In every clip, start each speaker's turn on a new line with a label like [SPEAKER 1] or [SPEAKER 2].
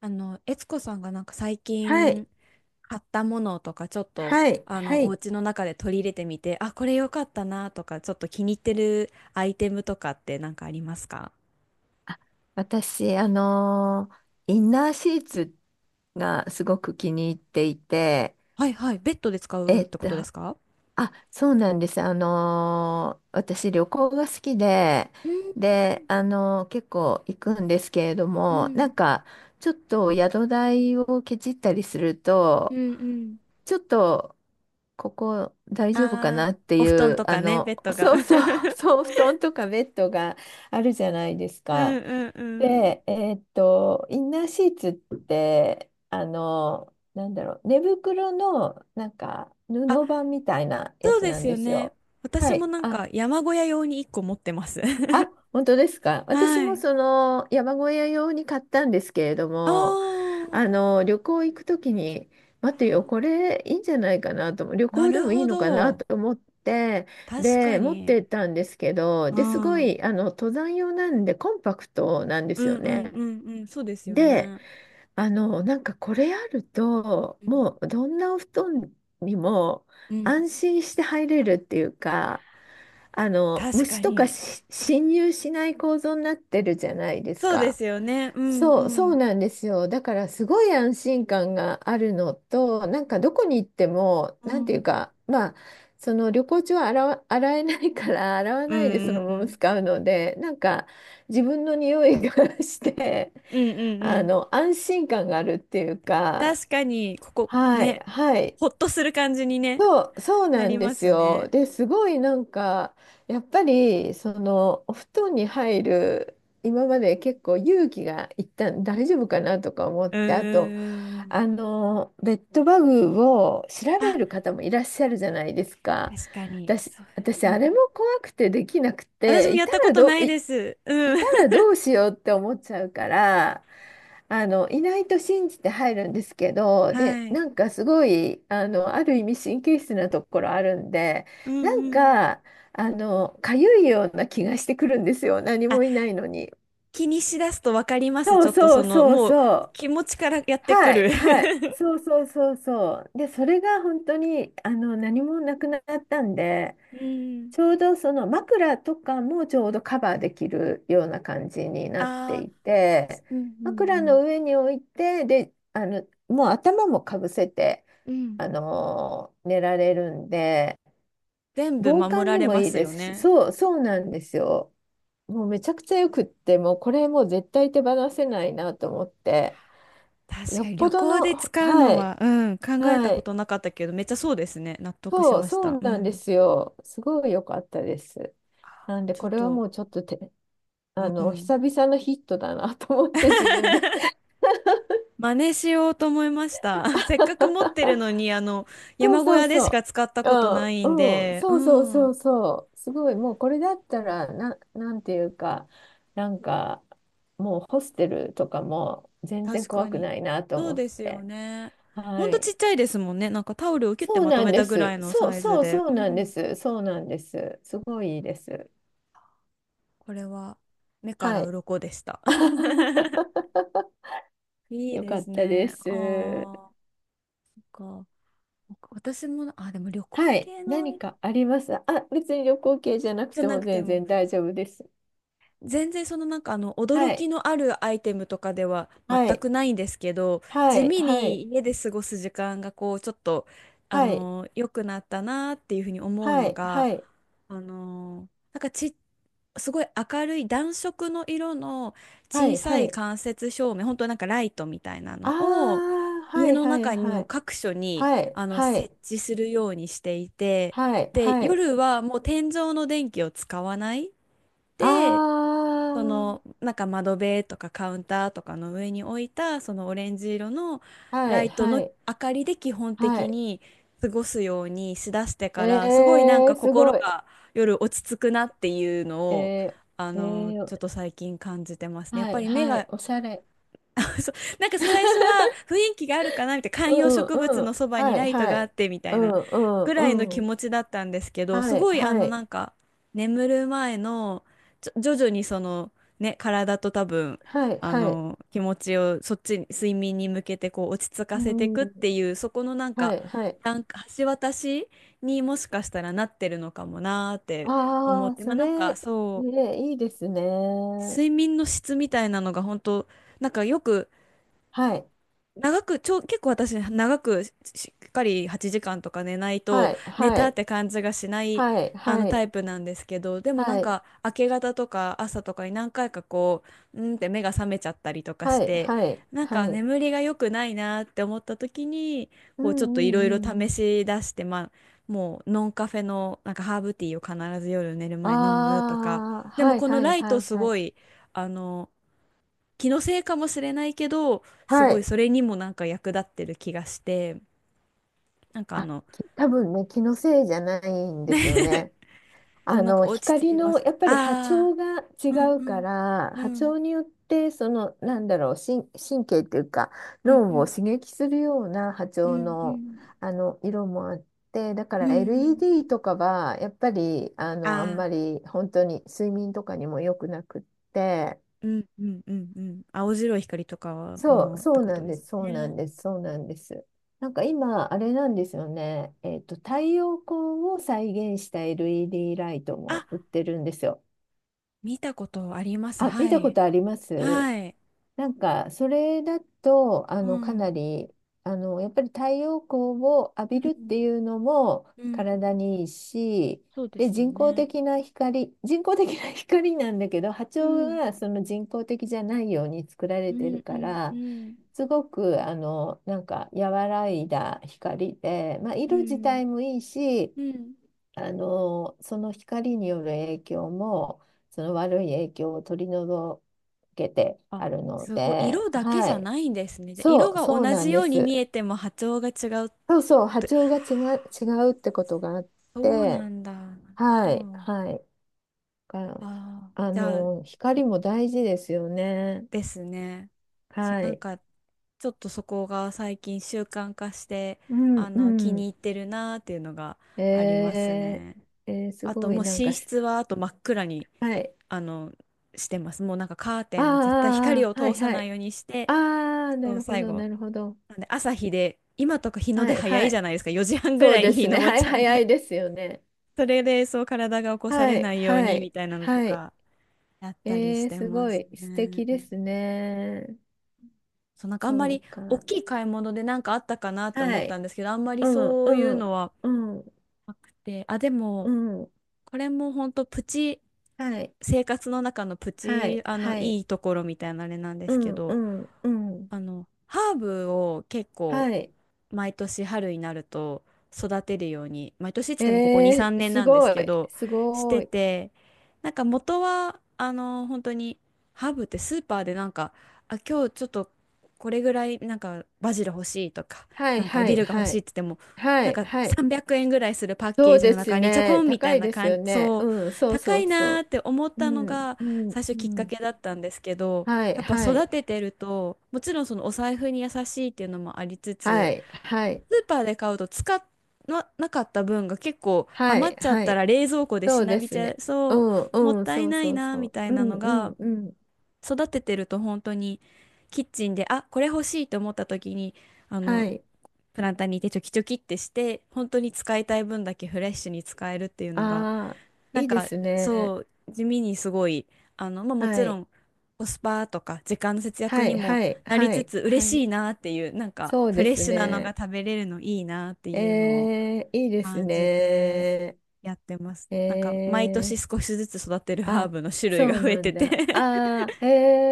[SPEAKER 1] 悦子さんがなんか最
[SPEAKER 2] はい、
[SPEAKER 1] 近買ったものとかちょっと
[SPEAKER 2] はい、
[SPEAKER 1] あ
[SPEAKER 2] は
[SPEAKER 1] のお
[SPEAKER 2] い。
[SPEAKER 1] 家の中で取り入れてみて、あ、これ良かったなとかちょっと気に入ってるアイテムとかってなんかありますか？
[SPEAKER 2] 私、インナーシーツがすごく気に入っていて、
[SPEAKER 1] はいはい、ベッドで使う
[SPEAKER 2] え
[SPEAKER 1] っ
[SPEAKER 2] っ
[SPEAKER 1] てこ
[SPEAKER 2] と、
[SPEAKER 1] とですか？
[SPEAKER 2] あ、そうなんです。私、旅行が好きで、
[SPEAKER 1] うん
[SPEAKER 2] で、結構行くんですけれど
[SPEAKER 1] う
[SPEAKER 2] も、
[SPEAKER 1] ん
[SPEAKER 2] ちょっと宿代をケチったりする
[SPEAKER 1] う
[SPEAKER 2] と、
[SPEAKER 1] ん。うん。
[SPEAKER 2] ちょっと、ここ大
[SPEAKER 1] あ
[SPEAKER 2] 丈夫かな
[SPEAKER 1] あ
[SPEAKER 2] って
[SPEAKER 1] ー、お
[SPEAKER 2] い
[SPEAKER 1] 布団
[SPEAKER 2] う、
[SPEAKER 1] と
[SPEAKER 2] あ
[SPEAKER 1] かね、ベ
[SPEAKER 2] の、
[SPEAKER 1] ッドが。
[SPEAKER 2] そうそう、そう、布団とかベッドがあるじゃないです
[SPEAKER 1] うん
[SPEAKER 2] か。
[SPEAKER 1] うんうん。
[SPEAKER 2] で、インナーシーツって、あの、なんだろう、寝袋の、なんか、
[SPEAKER 1] あ、
[SPEAKER 2] 布版みたいなや
[SPEAKER 1] そう
[SPEAKER 2] つ
[SPEAKER 1] で
[SPEAKER 2] なん
[SPEAKER 1] す
[SPEAKER 2] で
[SPEAKER 1] よ
[SPEAKER 2] す
[SPEAKER 1] ね。
[SPEAKER 2] よ。
[SPEAKER 1] 私
[SPEAKER 2] は
[SPEAKER 1] も
[SPEAKER 2] い。
[SPEAKER 1] なん
[SPEAKER 2] あ、
[SPEAKER 1] か山小屋用に1個持ってます。
[SPEAKER 2] あ、本当ですか。私
[SPEAKER 1] は
[SPEAKER 2] も
[SPEAKER 1] い。
[SPEAKER 2] その、山小屋用に買ったんですけれど
[SPEAKER 1] あ
[SPEAKER 2] も、
[SPEAKER 1] あ、
[SPEAKER 2] あの、旅行行くときに、待ってよ、これいいんじゃないかなと思う、旅
[SPEAKER 1] な
[SPEAKER 2] 行で
[SPEAKER 1] る
[SPEAKER 2] もいい
[SPEAKER 1] ほ
[SPEAKER 2] のかな
[SPEAKER 1] ど。
[SPEAKER 2] と思って、
[SPEAKER 1] 確か
[SPEAKER 2] で、持っ
[SPEAKER 1] に。
[SPEAKER 2] てったんですけど、
[SPEAKER 1] ああ、
[SPEAKER 2] で、すご
[SPEAKER 1] うん
[SPEAKER 2] い、あの、登山用なんで、コンパクトなんで
[SPEAKER 1] う
[SPEAKER 2] す
[SPEAKER 1] ん。
[SPEAKER 2] よ
[SPEAKER 1] うん
[SPEAKER 2] ね。
[SPEAKER 1] うん、そうですよ
[SPEAKER 2] で、
[SPEAKER 1] ね。
[SPEAKER 2] あの、なんかこれあると、
[SPEAKER 1] うん、
[SPEAKER 2] もうどんなお布団にも
[SPEAKER 1] うん。
[SPEAKER 2] 安心して入れるっていうか、あの、
[SPEAKER 1] 確
[SPEAKER 2] 虫
[SPEAKER 1] か
[SPEAKER 2] とか
[SPEAKER 1] に。
[SPEAKER 2] し侵入しない構造になってるじゃないです
[SPEAKER 1] そうで
[SPEAKER 2] か。
[SPEAKER 1] すよね。うんう
[SPEAKER 2] そう、そう
[SPEAKER 1] ん。
[SPEAKER 2] なんですよ。だからすごい安心感があるのと、なんかどこに行っても、
[SPEAKER 1] う
[SPEAKER 2] なんていう
[SPEAKER 1] ん。
[SPEAKER 2] か、まあ、その旅行中は洗わ、洗えないから洗わ
[SPEAKER 1] うん
[SPEAKER 2] ないで
[SPEAKER 1] う
[SPEAKER 2] そ
[SPEAKER 1] ん
[SPEAKER 2] の
[SPEAKER 1] う
[SPEAKER 2] まま
[SPEAKER 1] ん
[SPEAKER 2] 使うので、なんか自分の匂いが して、
[SPEAKER 1] うん。うんう
[SPEAKER 2] あ
[SPEAKER 1] ん。
[SPEAKER 2] の、安心感があるっていうか、
[SPEAKER 1] 確かにここ
[SPEAKER 2] はい、
[SPEAKER 1] ね、
[SPEAKER 2] はい。
[SPEAKER 1] ほっとする感じにね、
[SPEAKER 2] そう、そう
[SPEAKER 1] な
[SPEAKER 2] な
[SPEAKER 1] り
[SPEAKER 2] んで
[SPEAKER 1] ま
[SPEAKER 2] す
[SPEAKER 1] すね。
[SPEAKER 2] よ。で、すごいなんか、やっぱり、その、お布団に入る、今まで結構勇気がいったん大丈夫かなとか思っ
[SPEAKER 1] う
[SPEAKER 2] て、あと、
[SPEAKER 1] ーん。
[SPEAKER 2] あの、ベッドバグを調
[SPEAKER 1] あ、
[SPEAKER 2] べる方もいらっしゃるじゃないですか。
[SPEAKER 1] 確かに。
[SPEAKER 2] 私、
[SPEAKER 1] そう。
[SPEAKER 2] 私、
[SPEAKER 1] うん。
[SPEAKER 2] あれも怖くてできなく
[SPEAKER 1] 私
[SPEAKER 2] て、
[SPEAKER 1] も
[SPEAKER 2] い
[SPEAKER 1] やっ
[SPEAKER 2] た
[SPEAKER 1] たこ
[SPEAKER 2] ら
[SPEAKER 1] と
[SPEAKER 2] ど
[SPEAKER 1] な
[SPEAKER 2] う、
[SPEAKER 1] いです。う
[SPEAKER 2] い
[SPEAKER 1] ん。
[SPEAKER 2] たらどうしようって思っちゃうから、あの、いないと信じて入るんですけ ど、で、
[SPEAKER 1] は
[SPEAKER 2] な
[SPEAKER 1] い。
[SPEAKER 2] んかすごい、あの、ある意味神経質なところあるんで、
[SPEAKER 1] う
[SPEAKER 2] な
[SPEAKER 1] ん
[SPEAKER 2] ん
[SPEAKER 1] うん。
[SPEAKER 2] か、あの、かゆいような気がしてくるんですよ。何
[SPEAKER 1] あ、
[SPEAKER 2] もいないのに。
[SPEAKER 1] 気にしだすと分かります。
[SPEAKER 2] そ
[SPEAKER 1] ち
[SPEAKER 2] う
[SPEAKER 1] ょっと
[SPEAKER 2] そ
[SPEAKER 1] そ
[SPEAKER 2] う
[SPEAKER 1] の
[SPEAKER 2] そう
[SPEAKER 1] もう
[SPEAKER 2] そう。
[SPEAKER 1] 気持ちからやってく
[SPEAKER 2] はい、
[SPEAKER 1] る。
[SPEAKER 2] はい。そうそうそうそう。で、それが本当に、あの、何もなくなったんで、
[SPEAKER 1] うん。
[SPEAKER 2] ちょうどその枕とかもちょうどカバーできるような感じにな
[SPEAKER 1] あ
[SPEAKER 2] って
[SPEAKER 1] あ、
[SPEAKER 2] いて、
[SPEAKER 1] うんう
[SPEAKER 2] 枕
[SPEAKER 1] ん
[SPEAKER 2] の上に置いて、で、あの、もう頭もかぶせて、
[SPEAKER 1] うん。うん。
[SPEAKER 2] 寝られるんで、
[SPEAKER 1] 全部
[SPEAKER 2] 防
[SPEAKER 1] 守
[SPEAKER 2] 寒
[SPEAKER 1] ら
[SPEAKER 2] に
[SPEAKER 1] れ
[SPEAKER 2] も
[SPEAKER 1] ま
[SPEAKER 2] いい
[SPEAKER 1] す
[SPEAKER 2] で
[SPEAKER 1] よ
[SPEAKER 2] すし、
[SPEAKER 1] ね。
[SPEAKER 2] そう、そうなんですよ。もうめちゃくちゃよくって、もうこれもう絶対手放せないなと思って、
[SPEAKER 1] 確
[SPEAKER 2] よっ
[SPEAKER 1] かに
[SPEAKER 2] ぽ
[SPEAKER 1] 旅
[SPEAKER 2] ど
[SPEAKER 1] 行
[SPEAKER 2] の、
[SPEAKER 1] で使う
[SPEAKER 2] は
[SPEAKER 1] の
[SPEAKER 2] い、
[SPEAKER 1] は、うん、考えた
[SPEAKER 2] は
[SPEAKER 1] こ
[SPEAKER 2] い、
[SPEAKER 1] となかったけど、めっちゃそうですね。納得し
[SPEAKER 2] そう、
[SPEAKER 1] まし
[SPEAKER 2] そ
[SPEAKER 1] た。
[SPEAKER 2] う
[SPEAKER 1] う
[SPEAKER 2] なんで
[SPEAKER 1] ん。
[SPEAKER 2] すよ。すごい良かったです。なんで、
[SPEAKER 1] ちょ
[SPEAKER 2] こ
[SPEAKER 1] っ
[SPEAKER 2] れは
[SPEAKER 1] と、
[SPEAKER 2] もうちょっと手、あ
[SPEAKER 1] う
[SPEAKER 2] の、
[SPEAKER 1] ん。
[SPEAKER 2] 久々のヒットだなと思って自分で
[SPEAKER 1] 真似しようと思いました。せっかく持ってる のに、
[SPEAKER 2] そう
[SPEAKER 1] 山小
[SPEAKER 2] そう
[SPEAKER 1] 屋でしか
[SPEAKER 2] そ
[SPEAKER 1] 使った
[SPEAKER 2] う。
[SPEAKER 1] ことない
[SPEAKER 2] う
[SPEAKER 1] ん
[SPEAKER 2] ん、うん、
[SPEAKER 1] で、
[SPEAKER 2] そ
[SPEAKER 1] う
[SPEAKER 2] うそうそう
[SPEAKER 1] ん。
[SPEAKER 2] そう。すごい、もうこれだったら、な、なんていうか、なんか、もうホステルとかも全然
[SPEAKER 1] 確
[SPEAKER 2] 怖
[SPEAKER 1] か
[SPEAKER 2] く
[SPEAKER 1] に。
[SPEAKER 2] ないなと
[SPEAKER 1] そう
[SPEAKER 2] 思っ
[SPEAKER 1] ですよ
[SPEAKER 2] て。
[SPEAKER 1] ね。ほ
[SPEAKER 2] は
[SPEAKER 1] んとち
[SPEAKER 2] い。
[SPEAKER 1] っちゃいですもんね。なんかタオルをキュッて
[SPEAKER 2] そう
[SPEAKER 1] まと
[SPEAKER 2] なん
[SPEAKER 1] め
[SPEAKER 2] で
[SPEAKER 1] たぐら
[SPEAKER 2] す。
[SPEAKER 1] いの
[SPEAKER 2] そう
[SPEAKER 1] サイズ
[SPEAKER 2] そう
[SPEAKER 1] で。
[SPEAKER 2] そ
[SPEAKER 1] う
[SPEAKER 2] うなんで
[SPEAKER 1] ん。
[SPEAKER 2] す。そうなんです。すごいいいです。
[SPEAKER 1] これは目か
[SPEAKER 2] は
[SPEAKER 1] ら
[SPEAKER 2] い。
[SPEAKER 1] 鱗でした。いい
[SPEAKER 2] よ
[SPEAKER 1] で
[SPEAKER 2] かっ
[SPEAKER 1] す
[SPEAKER 2] たで
[SPEAKER 1] ね。
[SPEAKER 2] す。
[SPEAKER 1] ああ、なんか、私も、あ、でも旅
[SPEAKER 2] は
[SPEAKER 1] 行
[SPEAKER 2] い。
[SPEAKER 1] 系の
[SPEAKER 2] 何かありますあ、別に旅行系じゃなく
[SPEAKER 1] じゃ
[SPEAKER 2] て
[SPEAKER 1] な
[SPEAKER 2] も
[SPEAKER 1] くて
[SPEAKER 2] 全
[SPEAKER 1] も、
[SPEAKER 2] 然大丈夫です。
[SPEAKER 1] 全然そのなんか
[SPEAKER 2] は
[SPEAKER 1] 驚き
[SPEAKER 2] い。
[SPEAKER 1] のあるアイテムとかでは全
[SPEAKER 2] はい。
[SPEAKER 1] くないんですけど、
[SPEAKER 2] は
[SPEAKER 1] 地
[SPEAKER 2] い。
[SPEAKER 1] 味
[SPEAKER 2] は
[SPEAKER 1] に
[SPEAKER 2] い。
[SPEAKER 1] 家で過ごす時間がこう、ちょっと、
[SPEAKER 2] はい。
[SPEAKER 1] 良くなったなっていうふうに思う
[SPEAKER 2] は
[SPEAKER 1] の
[SPEAKER 2] い。
[SPEAKER 1] が、
[SPEAKER 2] はい。
[SPEAKER 1] あの、なんかちっすごい明るい暖色の色の
[SPEAKER 2] は
[SPEAKER 1] 小
[SPEAKER 2] い。
[SPEAKER 1] さ
[SPEAKER 2] は
[SPEAKER 1] い
[SPEAKER 2] い。
[SPEAKER 1] 間接照明、本当なんかライトみたいな
[SPEAKER 2] あ
[SPEAKER 1] のを
[SPEAKER 2] あ、は
[SPEAKER 1] 家
[SPEAKER 2] い。
[SPEAKER 1] の
[SPEAKER 2] はい。
[SPEAKER 1] 中に
[SPEAKER 2] は
[SPEAKER 1] も
[SPEAKER 2] い。
[SPEAKER 1] 各所に
[SPEAKER 2] はい。
[SPEAKER 1] あの
[SPEAKER 2] はい。
[SPEAKER 1] 設置するようにしていて、
[SPEAKER 2] はい。
[SPEAKER 1] で、
[SPEAKER 2] はい。
[SPEAKER 1] 夜はもう天井の電気を使わない。
[SPEAKER 2] あ
[SPEAKER 1] で、その
[SPEAKER 2] あ、
[SPEAKER 1] なんか窓辺とかカウンターとかの上に置いたそのオレンジ色の
[SPEAKER 2] は
[SPEAKER 1] ラ
[SPEAKER 2] い。
[SPEAKER 1] イト
[SPEAKER 2] は
[SPEAKER 1] の
[SPEAKER 2] い。
[SPEAKER 1] 明かりで基本
[SPEAKER 2] は
[SPEAKER 1] 的
[SPEAKER 2] い。
[SPEAKER 1] に過ごすようにしだして
[SPEAKER 2] え
[SPEAKER 1] からすごいなんか
[SPEAKER 2] ー、す
[SPEAKER 1] 心
[SPEAKER 2] ごい。
[SPEAKER 1] が夜落ち着くなっていうの
[SPEAKER 2] え
[SPEAKER 1] を
[SPEAKER 2] ー、え
[SPEAKER 1] ちょっ
[SPEAKER 2] ー、
[SPEAKER 1] と最近感じてますね。やっ
[SPEAKER 2] は
[SPEAKER 1] ぱ
[SPEAKER 2] い。
[SPEAKER 1] り目
[SPEAKER 2] はい。
[SPEAKER 1] が。
[SPEAKER 2] おしゃれ。
[SPEAKER 1] そう、なんかそう最初は雰 囲気があるかなみたいな
[SPEAKER 2] う
[SPEAKER 1] 観葉
[SPEAKER 2] ん
[SPEAKER 1] 植物
[SPEAKER 2] う
[SPEAKER 1] の
[SPEAKER 2] ん。
[SPEAKER 1] そばに
[SPEAKER 2] は
[SPEAKER 1] ラ
[SPEAKER 2] い
[SPEAKER 1] イト
[SPEAKER 2] は
[SPEAKER 1] があ
[SPEAKER 2] い。
[SPEAKER 1] ってみた
[SPEAKER 2] う
[SPEAKER 1] い
[SPEAKER 2] ん
[SPEAKER 1] な
[SPEAKER 2] う
[SPEAKER 1] ぐらいの
[SPEAKER 2] ん
[SPEAKER 1] 気
[SPEAKER 2] うん。
[SPEAKER 1] 持ちだったんですけど、す
[SPEAKER 2] はい、
[SPEAKER 1] ごいあ
[SPEAKER 2] は
[SPEAKER 1] の
[SPEAKER 2] い、
[SPEAKER 1] なんか眠る前の徐々にそのね、体と多分
[SPEAKER 2] はい、
[SPEAKER 1] あ
[SPEAKER 2] はい、
[SPEAKER 1] の気持ちをそっちに睡眠に向けてこう落ち着
[SPEAKER 2] う
[SPEAKER 1] かせていくっ
[SPEAKER 2] ん。
[SPEAKER 1] ていう、そこのなん
[SPEAKER 2] は
[SPEAKER 1] か、
[SPEAKER 2] い、はい。
[SPEAKER 1] なんか橋渡しにもしかしたらなってるのかもなーって思っ
[SPEAKER 2] ああ、
[SPEAKER 1] て、まあ
[SPEAKER 2] そ
[SPEAKER 1] なん
[SPEAKER 2] れ、
[SPEAKER 1] かそう
[SPEAKER 2] ね、いいですね。
[SPEAKER 1] 睡眠の質みたいなのが本当なんかよく
[SPEAKER 2] はい、
[SPEAKER 1] 長く、結構私、長くし、しっかり8時間とか寝ない
[SPEAKER 2] は
[SPEAKER 1] と、
[SPEAKER 2] い、
[SPEAKER 1] 寝
[SPEAKER 2] は
[SPEAKER 1] たっ
[SPEAKER 2] い、
[SPEAKER 1] て感じがしない、
[SPEAKER 2] はい、
[SPEAKER 1] あの
[SPEAKER 2] は
[SPEAKER 1] タ
[SPEAKER 2] い、
[SPEAKER 1] イプなんですけど、でもなん
[SPEAKER 2] はい、
[SPEAKER 1] か、明け方とか朝とかに何回かこう、うんって目が覚めちゃったりとかし
[SPEAKER 2] はい、
[SPEAKER 1] て、
[SPEAKER 2] はい、
[SPEAKER 1] なんか
[SPEAKER 2] はい。
[SPEAKER 1] 眠りが良くないなって思った時に、
[SPEAKER 2] うん
[SPEAKER 1] こう、ちょっと
[SPEAKER 2] う
[SPEAKER 1] いろいろ
[SPEAKER 2] んう
[SPEAKER 1] 試
[SPEAKER 2] ん。
[SPEAKER 1] し出して、まあ、もう、ノンカフェの、なんかハーブティーを必ず夜寝る前に飲むとか、
[SPEAKER 2] ああ、
[SPEAKER 1] でも
[SPEAKER 2] はい、
[SPEAKER 1] この
[SPEAKER 2] はい、
[SPEAKER 1] ライ
[SPEAKER 2] は
[SPEAKER 1] ト
[SPEAKER 2] い、
[SPEAKER 1] す
[SPEAKER 2] はい。
[SPEAKER 1] ごい、あの、気のせいかもしれないけど、す
[SPEAKER 2] は
[SPEAKER 1] ごい
[SPEAKER 2] い。
[SPEAKER 1] それにもなんか役立ってる気がして、なんかあ
[SPEAKER 2] あ、
[SPEAKER 1] の、
[SPEAKER 2] き多分ね、気のせいじゃないん
[SPEAKER 1] ね。
[SPEAKER 2] ですよ ね。
[SPEAKER 1] そう、
[SPEAKER 2] あ
[SPEAKER 1] なんか
[SPEAKER 2] の
[SPEAKER 1] 落ちて
[SPEAKER 2] 光
[SPEAKER 1] きま
[SPEAKER 2] の
[SPEAKER 1] す。
[SPEAKER 2] やっぱり波
[SPEAKER 1] あ
[SPEAKER 2] 長が違
[SPEAKER 1] あ、うんう
[SPEAKER 2] うか
[SPEAKER 1] ん
[SPEAKER 2] ら
[SPEAKER 1] う
[SPEAKER 2] 波
[SPEAKER 1] ん
[SPEAKER 2] 長によってそのなんだろう神、神経というか
[SPEAKER 1] うん。う
[SPEAKER 2] 脳を
[SPEAKER 1] ん
[SPEAKER 2] 刺激するような波
[SPEAKER 1] う
[SPEAKER 2] 長の、
[SPEAKER 1] ん
[SPEAKER 2] あの色もあってだか
[SPEAKER 1] うんう
[SPEAKER 2] ら
[SPEAKER 1] んうん。
[SPEAKER 2] LED とかはやっぱりあのあん
[SPEAKER 1] あ
[SPEAKER 2] ま
[SPEAKER 1] あ、
[SPEAKER 2] り本当に睡眠とかにも良くなくって
[SPEAKER 1] うんうんうん。うん。青白い光とかは
[SPEAKER 2] そう、
[SPEAKER 1] もうっ
[SPEAKER 2] そ
[SPEAKER 1] て
[SPEAKER 2] う
[SPEAKER 1] こ
[SPEAKER 2] な
[SPEAKER 1] と
[SPEAKER 2] ん
[SPEAKER 1] で
[SPEAKER 2] で
[SPEAKER 1] す
[SPEAKER 2] すそうな
[SPEAKER 1] ね。
[SPEAKER 2] んですそうなんです。なんか今あれなんですよね、太陽光を再現した LED ライトも売っ
[SPEAKER 1] あ、
[SPEAKER 2] てるんですよ。
[SPEAKER 1] 見たことあります。
[SPEAKER 2] あ、見
[SPEAKER 1] は
[SPEAKER 2] たこ
[SPEAKER 1] い。
[SPEAKER 2] とあります
[SPEAKER 1] はい。
[SPEAKER 2] なんか、それだと、あ
[SPEAKER 1] う
[SPEAKER 2] の、かな
[SPEAKER 1] ん。
[SPEAKER 2] り、あの、やっぱり太陽光を浴
[SPEAKER 1] う
[SPEAKER 2] びるってい
[SPEAKER 1] ん。
[SPEAKER 2] うのも
[SPEAKER 1] う
[SPEAKER 2] 体
[SPEAKER 1] ん。
[SPEAKER 2] にいいし、
[SPEAKER 1] そうで
[SPEAKER 2] で、
[SPEAKER 1] すよ
[SPEAKER 2] 人工
[SPEAKER 1] ね。
[SPEAKER 2] 的な光、人工的な 光なんだけど、波
[SPEAKER 1] う
[SPEAKER 2] 長
[SPEAKER 1] ん。
[SPEAKER 2] がその人工的じゃないように作ら
[SPEAKER 1] う
[SPEAKER 2] れてる
[SPEAKER 1] んう
[SPEAKER 2] か
[SPEAKER 1] んう
[SPEAKER 2] ら、
[SPEAKER 1] ん。
[SPEAKER 2] すごく、あの、なんか、和らいだ光で、まあ、
[SPEAKER 1] う
[SPEAKER 2] 色自
[SPEAKER 1] ん。
[SPEAKER 2] 体もいいし、
[SPEAKER 1] うん。
[SPEAKER 2] あのその光による影響もその悪い影響を取り除けて
[SPEAKER 1] あ、
[SPEAKER 2] あるの
[SPEAKER 1] すごい。
[SPEAKER 2] で、
[SPEAKER 1] 色だけじ
[SPEAKER 2] は
[SPEAKER 1] ゃ
[SPEAKER 2] い、
[SPEAKER 1] ないんですね。じゃあ色
[SPEAKER 2] そう
[SPEAKER 1] が
[SPEAKER 2] そう
[SPEAKER 1] 同
[SPEAKER 2] な
[SPEAKER 1] じ
[SPEAKER 2] ん
[SPEAKER 1] よ
[SPEAKER 2] で
[SPEAKER 1] うに見
[SPEAKER 2] す。
[SPEAKER 1] えても波長が違うっ
[SPEAKER 2] そうそう波
[SPEAKER 1] て。
[SPEAKER 2] 長が違う、違うってことがあっ
[SPEAKER 1] そうな
[SPEAKER 2] て、
[SPEAKER 1] んだ。なるほ
[SPEAKER 2] はい
[SPEAKER 1] ど。
[SPEAKER 2] はいが
[SPEAKER 1] ああ、
[SPEAKER 2] あ
[SPEAKER 1] じゃあ、
[SPEAKER 2] の光
[SPEAKER 1] お、
[SPEAKER 2] も大事ですよね。
[SPEAKER 1] ですね。そう、
[SPEAKER 2] は
[SPEAKER 1] なん
[SPEAKER 2] い、
[SPEAKER 1] か、ちょっとそこが最近習慣化して、
[SPEAKER 2] うんう
[SPEAKER 1] 気に
[SPEAKER 2] ん。
[SPEAKER 1] 入ってるなーっていうのが
[SPEAKER 2] え
[SPEAKER 1] ありますね。
[SPEAKER 2] ー、えーす
[SPEAKER 1] あと
[SPEAKER 2] ご
[SPEAKER 1] も
[SPEAKER 2] い
[SPEAKER 1] う
[SPEAKER 2] なんか
[SPEAKER 1] 寝
[SPEAKER 2] す
[SPEAKER 1] 室はあと真っ暗に、
[SPEAKER 2] はい
[SPEAKER 1] あの、してます。もうなんかカー
[SPEAKER 2] あ
[SPEAKER 1] テ
[SPEAKER 2] ー
[SPEAKER 1] ンも絶対光
[SPEAKER 2] あーあ
[SPEAKER 1] を
[SPEAKER 2] ーは
[SPEAKER 1] 通
[SPEAKER 2] い
[SPEAKER 1] さ
[SPEAKER 2] は
[SPEAKER 1] ない
[SPEAKER 2] い
[SPEAKER 1] ようにして、
[SPEAKER 2] ああな
[SPEAKER 1] そう、
[SPEAKER 2] るほ
[SPEAKER 1] 最
[SPEAKER 2] ど
[SPEAKER 1] 後
[SPEAKER 2] なるほど
[SPEAKER 1] なんで朝日で、今とか日の
[SPEAKER 2] は
[SPEAKER 1] 出
[SPEAKER 2] い
[SPEAKER 1] 早
[SPEAKER 2] は
[SPEAKER 1] いじ
[SPEAKER 2] い。
[SPEAKER 1] ゃないですか。4時半ぐ
[SPEAKER 2] そう
[SPEAKER 1] らいに
[SPEAKER 2] です
[SPEAKER 1] 日
[SPEAKER 2] ね。
[SPEAKER 1] 昇っ
[SPEAKER 2] はい、
[SPEAKER 1] ちゃうん
[SPEAKER 2] 早い
[SPEAKER 1] で。
[SPEAKER 2] ですよね。
[SPEAKER 1] それでそう体が起こさ
[SPEAKER 2] は
[SPEAKER 1] れ
[SPEAKER 2] い、
[SPEAKER 1] ないよう
[SPEAKER 2] は
[SPEAKER 1] にみ
[SPEAKER 2] い、
[SPEAKER 1] たいなのと
[SPEAKER 2] はい。
[SPEAKER 1] かやったりし
[SPEAKER 2] えー、
[SPEAKER 1] て
[SPEAKER 2] す
[SPEAKER 1] ま
[SPEAKER 2] ご
[SPEAKER 1] す
[SPEAKER 2] い素
[SPEAKER 1] ね。
[SPEAKER 2] 敵ですね。
[SPEAKER 1] そうなんかあんま
[SPEAKER 2] そ
[SPEAKER 1] り
[SPEAKER 2] う
[SPEAKER 1] 大
[SPEAKER 2] か。
[SPEAKER 1] きい買い物でなんかあったかなと思
[SPEAKER 2] は
[SPEAKER 1] った
[SPEAKER 2] い。
[SPEAKER 1] んですけど、あんま
[SPEAKER 2] う
[SPEAKER 1] り
[SPEAKER 2] ん、
[SPEAKER 1] そういう
[SPEAKER 2] うん、
[SPEAKER 1] のは
[SPEAKER 2] うん、
[SPEAKER 1] なくて、あ、で
[SPEAKER 2] う
[SPEAKER 1] も
[SPEAKER 2] ん。
[SPEAKER 1] これも本当プチ、
[SPEAKER 2] はい、
[SPEAKER 1] 生活の中のプ
[SPEAKER 2] は
[SPEAKER 1] チ、
[SPEAKER 2] い、
[SPEAKER 1] あの
[SPEAKER 2] はい。
[SPEAKER 1] いいところみたいなあれなんで
[SPEAKER 2] う
[SPEAKER 1] すけ
[SPEAKER 2] ん、う
[SPEAKER 1] ど、
[SPEAKER 2] ん、うん。
[SPEAKER 1] あのハーブを結
[SPEAKER 2] は
[SPEAKER 1] 構
[SPEAKER 2] い。
[SPEAKER 1] 毎年春になると育てるように、毎年っつってもここ2、
[SPEAKER 2] え
[SPEAKER 1] 3
[SPEAKER 2] ー、
[SPEAKER 1] 年
[SPEAKER 2] す
[SPEAKER 1] なんです
[SPEAKER 2] ご
[SPEAKER 1] け
[SPEAKER 2] い、
[SPEAKER 1] ど、
[SPEAKER 2] す
[SPEAKER 1] し
[SPEAKER 2] ご
[SPEAKER 1] て
[SPEAKER 2] い。
[SPEAKER 1] て、なんか元は、本当に、ハーブってスーパーでなんか、あ、今日ちょっとこれぐらい、なんかバジル欲しいとか、
[SPEAKER 2] はい、
[SPEAKER 1] なんか
[SPEAKER 2] は
[SPEAKER 1] ディ
[SPEAKER 2] い、
[SPEAKER 1] ルが欲
[SPEAKER 2] は
[SPEAKER 1] しいっ
[SPEAKER 2] い。
[SPEAKER 1] て言っても、
[SPEAKER 2] は
[SPEAKER 1] なん
[SPEAKER 2] い、
[SPEAKER 1] か
[SPEAKER 2] はい。
[SPEAKER 1] 300円ぐらいするパッケ
[SPEAKER 2] そ
[SPEAKER 1] ー
[SPEAKER 2] う
[SPEAKER 1] ジ
[SPEAKER 2] で
[SPEAKER 1] の
[SPEAKER 2] す
[SPEAKER 1] 中にちょこ
[SPEAKER 2] ね。
[SPEAKER 1] んみた
[SPEAKER 2] 高
[SPEAKER 1] い
[SPEAKER 2] い
[SPEAKER 1] な
[SPEAKER 2] です
[SPEAKER 1] 感
[SPEAKER 2] よ
[SPEAKER 1] じ、
[SPEAKER 2] ね。
[SPEAKER 1] そ
[SPEAKER 2] うん、
[SPEAKER 1] う、
[SPEAKER 2] そう
[SPEAKER 1] 高
[SPEAKER 2] そ
[SPEAKER 1] い
[SPEAKER 2] う
[SPEAKER 1] なーっ
[SPEAKER 2] そ
[SPEAKER 1] て思っ
[SPEAKER 2] う。う
[SPEAKER 1] たの
[SPEAKER 2] ん、
[SPEAKER 1] が
[SPEAKER 2] うん、
[SPEAKER 1] 最
[SPEAKER 2] う
[SPEAKER 1] 初きっかけ
[SPEAKER 2] ん。
[SPEAKER 1] だったんですけど、
[SPEAKER 2] はい、
[SPEAKER 1] やっぱ
[SPEAKER 2] は
[SPEAKER 1] 育
[SPEAKER 2] い。
[SPEAKER 1] ててるともちろんそのお財布に優しいっていうのもありつ
[SPEAKER 2] は
[SPEAKER 1] つ、
[SPEAKER 2] い、はい、
[SPEAKER 1] スーパーで買うと使っなかった分が結構
[SPEAKER 2] は
[SPEAKER 1] 余っ
[SPEAKER 2] い、
[SPEAKER 1] ちゃっ
[SPEAKER 2] は
[SPEAKER 1] た
[SPEAKER 2] い。
[SPEAKER 1] ら冷蔵庫で
[SPEAKER 2] そ
[SPEAKER 1] し
[SPEAKER 2] う
[SPEAKER 1] な
[SPEAKER 2] で
[SPEAKER 1] び
[SPEAKER 2] す
[SPEAKER 1] ちゃい
[SPEAKER 2] ね。う
[SPEAKER 1] そ
[SPEAKER 2] ん、
[SPEAKER 1] う、もっ
[SPEAKER 2] うん、
[SPEAKER 1] たい
[SPEAKER 2] そう
[SPEAKER 1] ない
[SPEAKER 2] そう
[SPEAKER 1] なみ
[SPEAKER 2] そ
[SPEAKER 1] たい
[SPEAKER 2] う。う
[SPEAKER 1] な
[SPEAKER 2] ん、
[SPEAKER 1] の
[SPEAKER 2] う
[SPEAKER 1] が、
[SPEAKER 2] ん、うん。
[SPEAKER 1] 育ててると本当にキッチンで、あ、これ欲しいと思った時にあ
[SPEAKER 2] は
[SPEAKER 1] の
[SPEAKER 2] い。
[SPEAKER 1] プランターにいてチョキチョキってして本当に使いたい分だけフレッシュに使えるっていうのが
[SPEAKER 2] ああ、
[SPEAKER 1] なん
[SPEAKER 2] いいで
[SPEAKER 1] か
[SPEAKER 2] すね。
[SPEAKER 1] そう地味にすごい、まあ、も
[SPEAKER 2] は
[SPEAKER 1] ちろ
[SPEAKER 2] い、
[SPEAKER 1] んコスパとか時間の節約
[SPEAKER 2] は
[SPEAKER 1] に
[SPEAKER 2] い、
[SPEAKER 1] も
[SPEAKER 2] はい、
[SPEAKER 1] なり
[SPEAKER 2] は
[SPEAKER 1] つ
[SPEAKER 2] い、
[SPEAKER 1] つ
[SPEAKER 2] は
[SPEAKER 1] 嬉し
[SPEAKER 2] い。
[SPEAKER 1] いなっていう、なんか
[SPEAKER 2] そう
[SPEAKER 1] フ
[SPEAKER 2] で
[SPEAKER 1] レッ
[SPEAKER 2] す
[SPEAKER 1] シュなのが
[SPEAKER 2] ね。
[SPEAKER 1] 食べれるのいいなっていうのを
[SPEAKER 2] えー、いいです
[SPEAKER 1] 感じて
[SPEAKER 2] ね。
[SPEAKER 1] やってます。
[SPEAKER 2] え
[SPEAKER 1] なんか毎年
[SPEAKER 2] ー
[SPEAKER 1] 少しずつ育てるハー
[SPEAKER 2] あ、
[SPEAKER 1] ブの種類
[SPEAKER 2] そ
[SPEAKER 1] が
[SPEAKER 2] う
[SPEAKER 1] 増え
[SPEAKER 2] な
[SPEAKER 1] て
[SPEAKER 2] ん
[SPEAKER 1] て。
[SPEAKER 2] だ。ああ、へ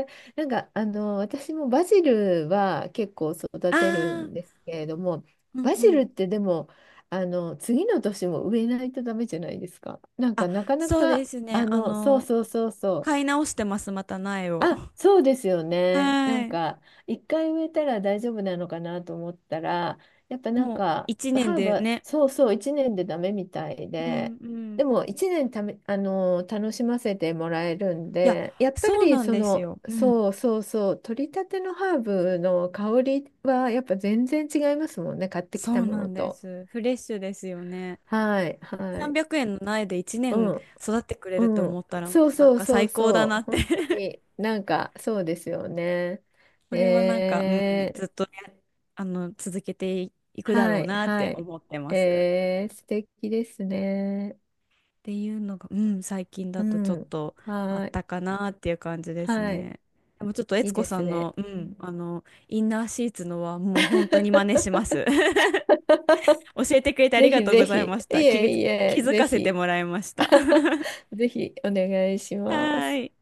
[SPEAKER 2] え。なんか、あの、私もバジルは結構 育てる
[SPEAKER 1] ああ、
[SPEAKER 2] んですけれども、
[SPEAKER 1] うん
[SPEAKER 2] バ
[SPEAKER 1] う
[SPEAKER 2] ジ
[SPEAKER 1] ん。
[SPEAKER 2] ルってでも、あの、次の年も植えないとダメじゃないですか。なん
[SPEAKER 1] あ、
[SPEAKER 2] か、なかな
[SPEAKER 1] そうで
[SPEAKER 2] か、
[SPEAKER 1] すね。
[SPEAKER 2] あの、そうそうそうそ
[SPEAKER 1] 買
[SPEAKER 2] う。
[SPEAKER 1] い直してます、また苗を。
[SPEAKER 2] あ、そうですよね。な
[SPEAKER 1] は
[SPEAKER 2] ん
[SPEAKER 1] い。
[SPEAKER 2] か、一回植えたら大丈夫なのかなと思ったら、やっぱなん
[SPEAKER 1] もう
[SPEAKER 2] か、
[SPEAKER 1] 一年
[SPEAKER 2] ハーブ
[SPEAKER 1] で
[SPEAKER 2] は、
[SPEAKER 1] ね。
[SPEAKER 2] そうそう、一年でダメみたい
[SPEAKER 1] う
[SPEAKER 2] で、
[SPEAKER 1] んうん。い
[SPEAKER 2] でも一年ため、あの、楽しませてもらえるん
[SPEAKER 1] や、
[SPEAKER 2] で、やっぱ
[SPEAKER 1] そう
[SPEAKER 2] り
[SPEAKER 1] なん
[SPEAKER 2] そ
[SPEAKER 1] です
[SPEAKER 2] の、
[SPEAKER 1] よ。うん。
[SPEAKER 2] そうそうそう、取りたてのハーブの香りはやっぱ全然違いますもんね、買ってき
[SPEAKER 1] そ
[SPEAKER 2] た
[SPEAKER 1] う
[SPEAKER 2] も
[SPEAKER 1] な
[SPEAKER 2] の
[SPEAKER 1] んで
[SPEAKER 2] と。
[SPEAKER 1] す。フレッシュですよね。
[SPEAKER 2] はい、はい。
[SPEAKER 1] 300円の苗で1年
[SPEAKER 2] うん。
[SPEAKER 1] 育ってくれると
[SPEAKER 2] う
[SPEAKER 1] 思
[SPEAKER 2] ん、
[SPEAKER 1] ったらも
[SPEAKER 2] そう
[SPEAKER 1] うなん
[SPEAKER 2] そう
[SPEAKER 1] か
[SPEAKER 2] そ
[SPEAKER 1] 最
[SPEAKER 2] う
[SPEAKER 1] 高だ
[SPEAKER 2] そ
[SPEAKER 1] な
[SPEAKER 2] う、
[SPEAKER 1] って。
[SPEAKER 2] 本当になんかそうですよね。
[SPEAKER 1] これはなんか、うん、
[SPEAKER 2] え
[SPEAKER 1] ず
[SPEAKER 2] ー、
[SPEAKER 1] っとね、続けていくだ
[SPEAKER 2] は
[SPEAKER 1] ろう
[SPEAKER 2] い
[SPEAKER 1] なって
[SPEAKER 2] はい。
[SPEAKER 1] 思ってます。
[SPEAKER 2] えー、素敵ですね。
[SPEAKER 1] っていうのが、うん、最近
[SPEAKER 2] う
[SPEAKER 1] だとちょっ
[SPEAKER 2] ん、
[SPEAKER 1] とあっ
[SPEAKER 2] はい
[SPEAKER 1] たかなっていう感じです
[SPEAKER 2] はい、
[SPEAKER 1] ね。でもちょっと
[SPEAKER 2] い
[SPEAKER 1] 悦
[SPEAKER 2] い
[SPEAKER 1] 子
[SPEAKER 2] で
[SPEAKER 1] さ
[SPEAKER 2] す
[SPEAKER 1] ん
[SPEAKER 2] ね。
[SPEAKER 1] の、うん、インナーシーツのはもう本当に真似しま す。教えてくれてあり
[SPEAKER 2] ぜ
[SPEAKER 1] が
[SPEAKER 2] ひ
[SPEAKER 1] とう
[SPEAKER 2] ぜ
[SPEAKER 1] ござ
[SPEAKER 2] ひ、
[SPEAKER 1] い
[SPEAKER 2] い
[SPEAKER 1] ました。
[SPEAKER 2] えい
[SPEAKER 1] 気
[SPEAKER 2] え、
[SPEAKER 1] づ
[SPEAKER 2] ぜ
[SPEAKER 1] かせて
[SPEAKER 2] ひ、
[SPEAKER 1] もらいました。は
[SPEAKER 2] ぜひお願いします。
[SPEAKER 1] ーい。